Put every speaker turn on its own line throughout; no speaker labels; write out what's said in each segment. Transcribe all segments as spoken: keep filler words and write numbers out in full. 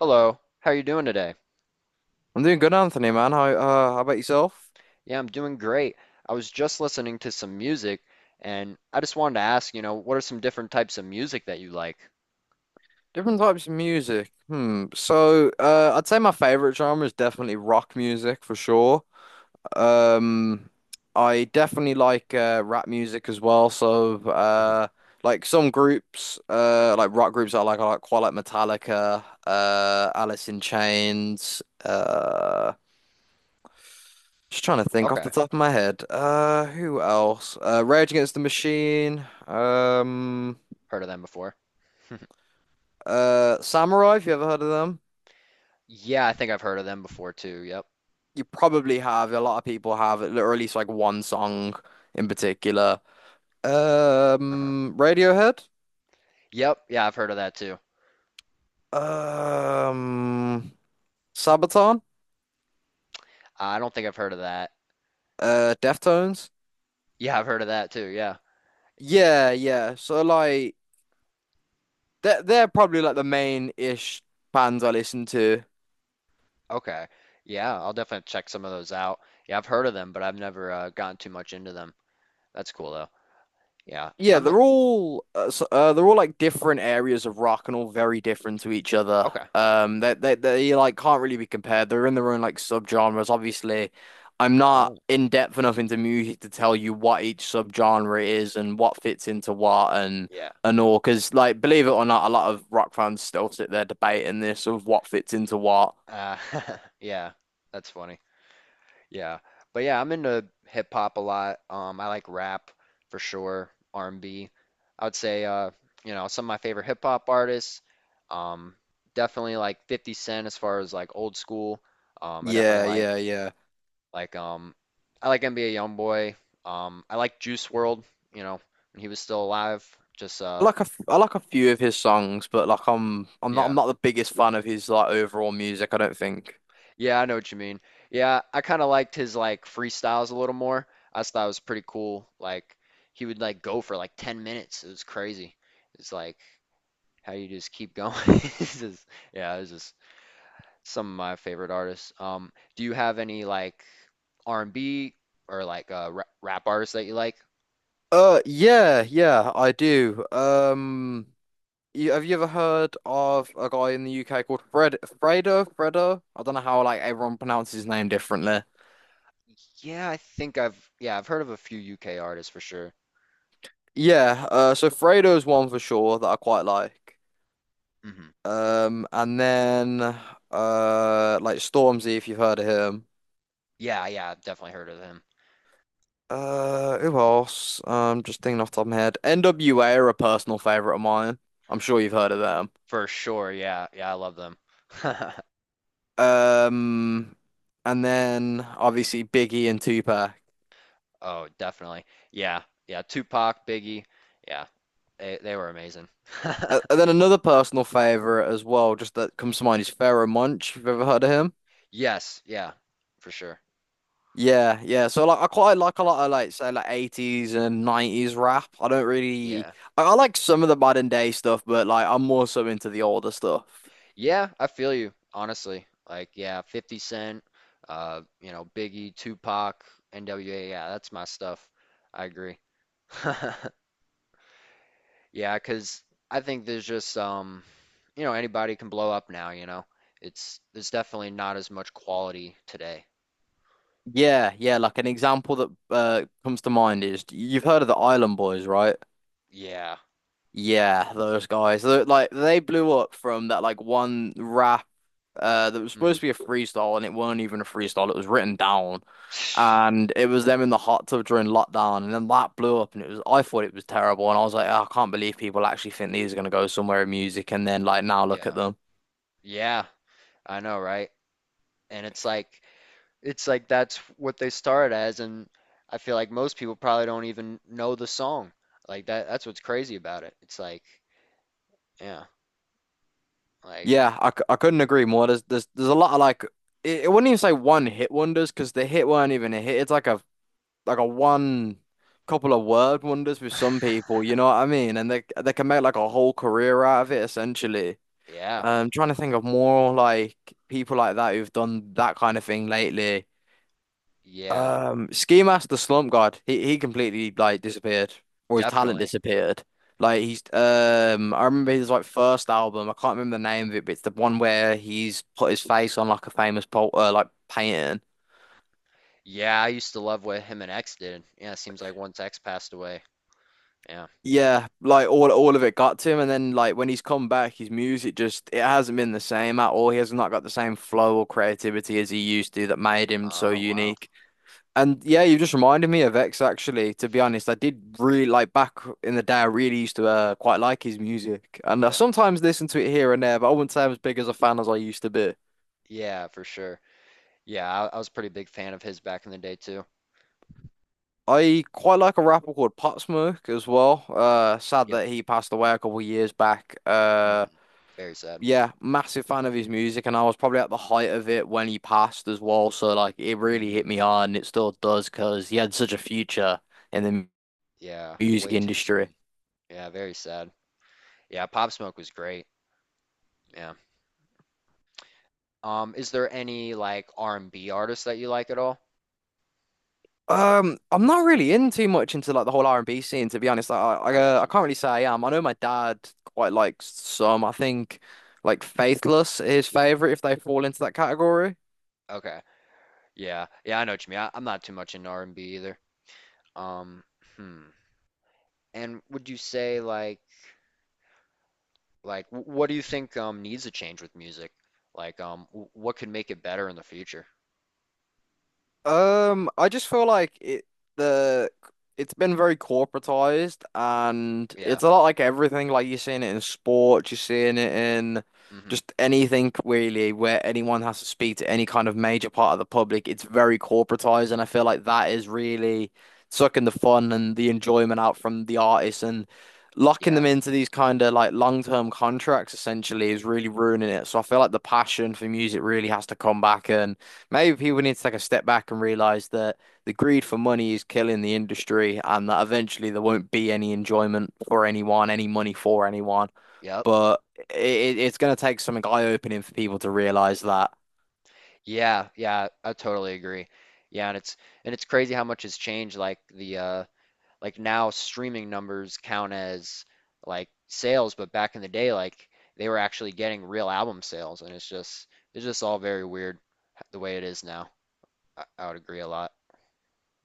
Hello, how are you doing today?
I'm doing good, Anthony, man. How uh, how about yourself?
Yeah, I'm doing great. I was just listening to some music and I just wanted to ask, you know, what are some different types of music that you like?
Different types of music. Hmm. So, uh, I'd say my favorite genre is definitely rock music for sure. Um, I definitely like uh, rap music as well. So,
Mhm.
uh, like some groups, uh, like rock groups I like, I like, quite like, Metallica, uh, Alice in Chains. Uh, just trying to think off
Okay,
the top of my head. Uh, who else? Uh, Rage Against the Machine. Um.
heard of them before.
Uh, Samurai, if you ever heard of them,
Yeah, I think I've heard of them before too. Yep.
you probably have. A lot of people have, or at least like one song in particular.
Uh-huh.
Um, Radiohead,
Yep, yeah, I've heard of that too.
um, Sabaton,
I don't think I've heard of that.
uh, Deftones.
Yeah, I've heard of that too. Yeah.
Yeah, yeah. So like, they're they're probably like the main-ish bands I listen to.
Okay. Yeah, I'll definitely check some of those out. Yeah, I've heard of them, but I've never uh, gotten too much into them. That's cool though. Yeah.
Yeah,
I'm
they're all uh, s- uh, they're all like different areas of rock and all very different to each other.
okay.
Um, they they they like can't really be compared. They're in their own like subgenres. Obviously, I'm not
Oh,
in depth enough into music to tell you what each subgenre is and what fits into what and
yeah.
and all. Because like, believe it or not, a lot of rock fans still sit there debating this of what fits into what.
Uh, yeah, that's funny. Yeah. But yeah, I'm into hip hop a lot. Um, I like rap for sure, R and B. I would say uh, you know, some of my favorite hip hop artists. Um, Definitely like fifty Cent as far as like old school. Um, I definitely
Yeah,
like
yeah, yeah.
like um I like N B A Youngboy. Um, I like Juice World, you know, when he was still alive. Just
I
uh
like a f I like a few of his songs, but like I'm I'm not
Yeah.
I'm not the biggest fan of his like overall music, I don't think.
Yeah, I know what you mean. Yeah, I kind of liked his like freestyles a little more. I just thought it was pretty cool. Like he would like go for like ten minutes. It was crazy. It's like how you just keep going. It's just- yeah, it's just some of my favorite artists. Um, do you have any like R and B or like uh, ra rap artists that you like?
Uh, yeah, yeah, I do. Um, you, have you ever heard of a guy in the U K called Fred Fredo? Fredo? I don't know how like everyone pronounces his name differently.
Yeah, I think I've yeah, I've heard of a few U K artists for sure.
Yeah, uh, so Fredo's one for sure that I quite like.
Hmm.
Um, and then uh, like Stormzy, if you've heard of him.
Yeah, yeah, I've definitely heard of them.
Uh, who else? Um, just thinking off the top of my head. N W A are a personal favorite of mine. I'm sure you've heard of them.
For sure. Yeah. Yeah, I love them.
Um, and then obviously Biggie and Tupac.
Oh, definitely. Yeah. Yeah. Tupac, Biggie. Yeah. They they were amazing.
And and then another personal favorite as well, just that comes to mind, is Pharoah Monch. You've ever heard of him?
Yes. Yeah. For sure.
Yeah, yeah. So like, I quite like a lot of, like say like, eighties and nineties rap. I don't really,
Yeah.
I, I like some of the modern day stuff, but like I'm more so into the older stuff.
Yeah, I feel you, honestly. Like, yeah, fifty Cent, uh, you know, Biggie, Tupac, N W A. Yeah, that's my stuff. I agree. Yeah, 'cause I think there's just um, you know, anybody can blow up now, you know. It's there's definitely not as much quality today.
Yeah, yeah. Like an example that uh comes to mind is, you've heard of the Island Boys, right?
Yeah.
Yeah, those guys. They're, like they blew up from that like one rap uh that was
Hmm.
supposed to be a freestyle, and it weren't even a freestyle. It was written down. And it was them in the hot tub during lockdown, and then that blew up, and it was, I thought it was terrible, and I was like, "Oh, I can't believe people actually think these are gonna go somewhere in music," and then like now look at
Yeah.
them.
Yeah, I know, right? And it's like it's like that's what they started as, and I feel like most people probably don't even know the song. Like that that's what's crazy about it. It's like, yeah, like
Yeah, I, c- I couldn't agree more. There's there's there's a lot of like, it, it wouldn't even say one hit wonders because the hit weren't even a hit. It's like a, like a one couple of word wonders with some people, you know what I mean? And they they can make like a whole career out of it essentially.
yeah,
I'm trying to think of more like people like that who've done that kind of thing lately.
yeah,
Um, Ski Mask the Slump God, he he completely like disappeared, or his talent
definitely.
disappeared. Like he's um, I remember his like
Hmm.
first album. I can't remember the name of it, but it's the one where he's put his face on like a famous pol uh, like painting.
Yeah, I used to love what him and X did. Yeah, it seems like once X passed away. Yeah.
Yeah, like all all of it got to him, and then like when he's come back, his music just, it hasn't been the same at all. He has not got the same flow or creativity as he used to, that made him so
Oh, wow.
unique. And yeah, you just reminded me of X actually. To be honest, I did really like, back in the day, I really used to uh, quite like his music, and I
Yeah.
sometimes listen to it here and there. But I wouldn't say I'm as big as a fan as I used to be.
Yeah, for sure. Yeah, I, I was a pretty big fan of his back in the day too.
I quite like a rapper called Pop Smoke as well. Uh, sad
Yep.
that he passed away a couple of years back. Uh,
Hmm. Very sad.
yeah, massive fan of his music, and I was probably at the height of it when he passed as well. So like, it really hit me
Hmm.
hard, and it still does because he had such a future in the
Yeah,
music
way too soon.
industry.
Yeah, very sad. Yeah, Pop Smoke was great. Yeah. Um, is there any like R and B artists that you like at all?
Um, I'm not really in too much into like the whole R and B scene, to be honest. Like, I I,
I
uh,
got
I
you.
can't really say I am. I know my dad quite likes some. I think like Faithless is his favorite if they fall into that category.
Okay. Yeah. Yeah, I know what you mean. I, I'm not too much into R and B either. Um, hmm. And would you say like like wh- what do you think um needs a change with music? Like um wh- what could make it better in the future?
Um, I just feel like it the it's been very corporatized, and
Yeah.
it's a lot like everything. Like you're seeing it in sports, you're seeing it in
Hmm.
just anything really where anyone has to speak to any kind of major part of the public. It's very corporatized, and I feel like that is really sucking the fun and the enjoyment out from the artists and locking
Yeah.
them into these kind of like long-term contracts essentially is really ruining it. So I feel like the passion for music really has to come back, and maybe people need to take a step back and realize that the greed for money is killing the industry and that eventually there won't be any enjoyment for anyone, any money for anyone.
Yep.
But it, it's going to take something eye-opening for people to realize that.
Yeah. Yeah, I totally agree. Yeah, and it's and it's crazy how much has changed like the uh like now streaming numbers count as like sales, but back in the day, like they were actually getting real album sales, and it's just it's just all very weird the way it is now. I, I would agree a lot.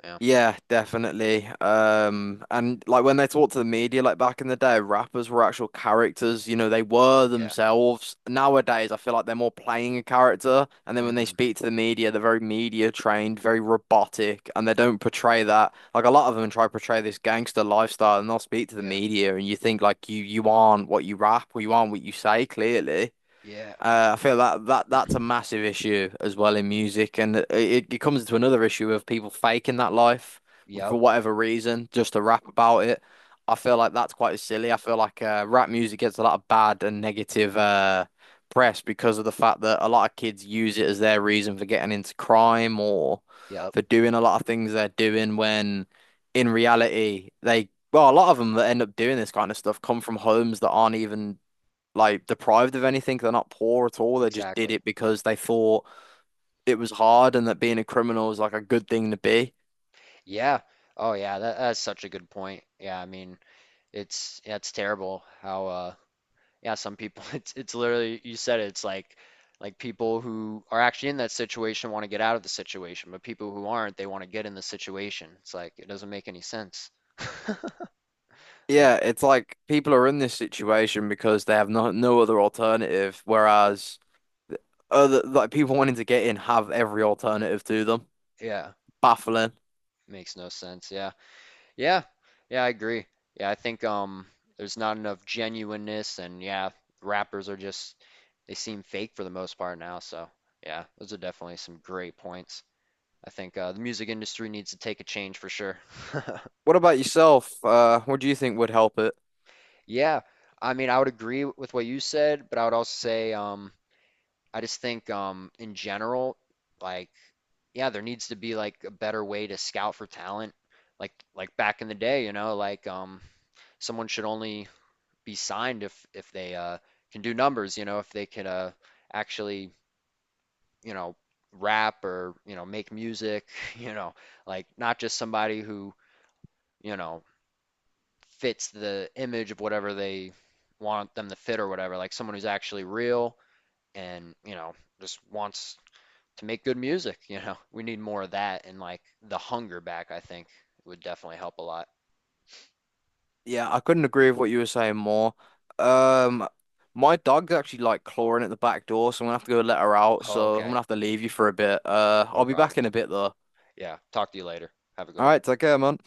Yeah.
Yeah, definitely. Um, and like when they talk to the media, like back in the day, rappers were actual characters, you know, they were
Yeah.
themselves. Nowadays, I feel like they're more playing a character, and then when they
Hmm.
speak to the media, they're very media trained, very robotic, and they don't portray that. Like a lot of them try to portray this gangster lifestyle, and they'll speak to the
Yeah.
media, and you think like, you you aren't what you rap, or you aren't what you say, clearly.
Yeah.
Uh, I feel that that that's a massive issue as well in music, and it, it it comes into another issue of people faking that life
Yep.
for whatever reason, just to rap about it. I feel like that's quite silly. I feel like uh, rap music gets a lot of bad and negative uh, press because of the fact that a lot of kids use it as their reason for getting into crime or
Yep.
for doing a lot of things they're doing, when in reality they, well, a lot of them that end up doing this kind of stuff come from homes that aren't even like deprived of anything. They're not poor at all. They just did
Exactly.
it because they thought it was hard and that being a criminal is like a good thing to be.
Yeah. Oh yeah, that, that's such a good point. Yeah, I mean, it's that's terrible how uh yeah, some people it's it's literally you said it, it's like like people who are actually in that situation want to get out of the situation, but people who aren't, they want to get in the situation. It's like it doesn't make any sense. Like
Yeah, it's like people are in this situation because they have no no other alternative,
yeah,
whereas other like people wanting to get in have every alternative to them.
yeah,
Baffling.
makes no sense. Yeah. Yeah. Yeah, I agree. Yeah, I think um there's not enough genuineness, and yeah, rappers are just they seem fake for the most part now, so yeah, those are definitely some great points. I think uh, the music industry needs to take a change for sure.
What about yourself? Uh, what do you think would help it?
Yeah, I mean, I would agree with what you said, but I would also say, um, I just think, um, in general, like, yeah, there needs to be like a better way to scout for talent, like, like back in the day, you know, like, um, someone should only be signed if if they uh can do numbers, you know, if they can uh actually, you know, rap or you know make music, you know, like not just somebody who you know fits the image of whatever they want them to fit or whatever, like someone who's actually real and you know just wants to make good music, you know, we need more of that, and like the hunger back I think would definitely help a lot.
Yeah, I couldn't agree with what you were saying more. Um, my dog's actually like clawing at the back door, so I'm gonna have to go let her out.
Oh,
So I'm
okay,
gonna have to leave you for a bit. Uh,
no
I'll be back
problem.
in a bit though.
Yeah, talk to you later, have a good
All
one.
right,
Yep.
take care, man.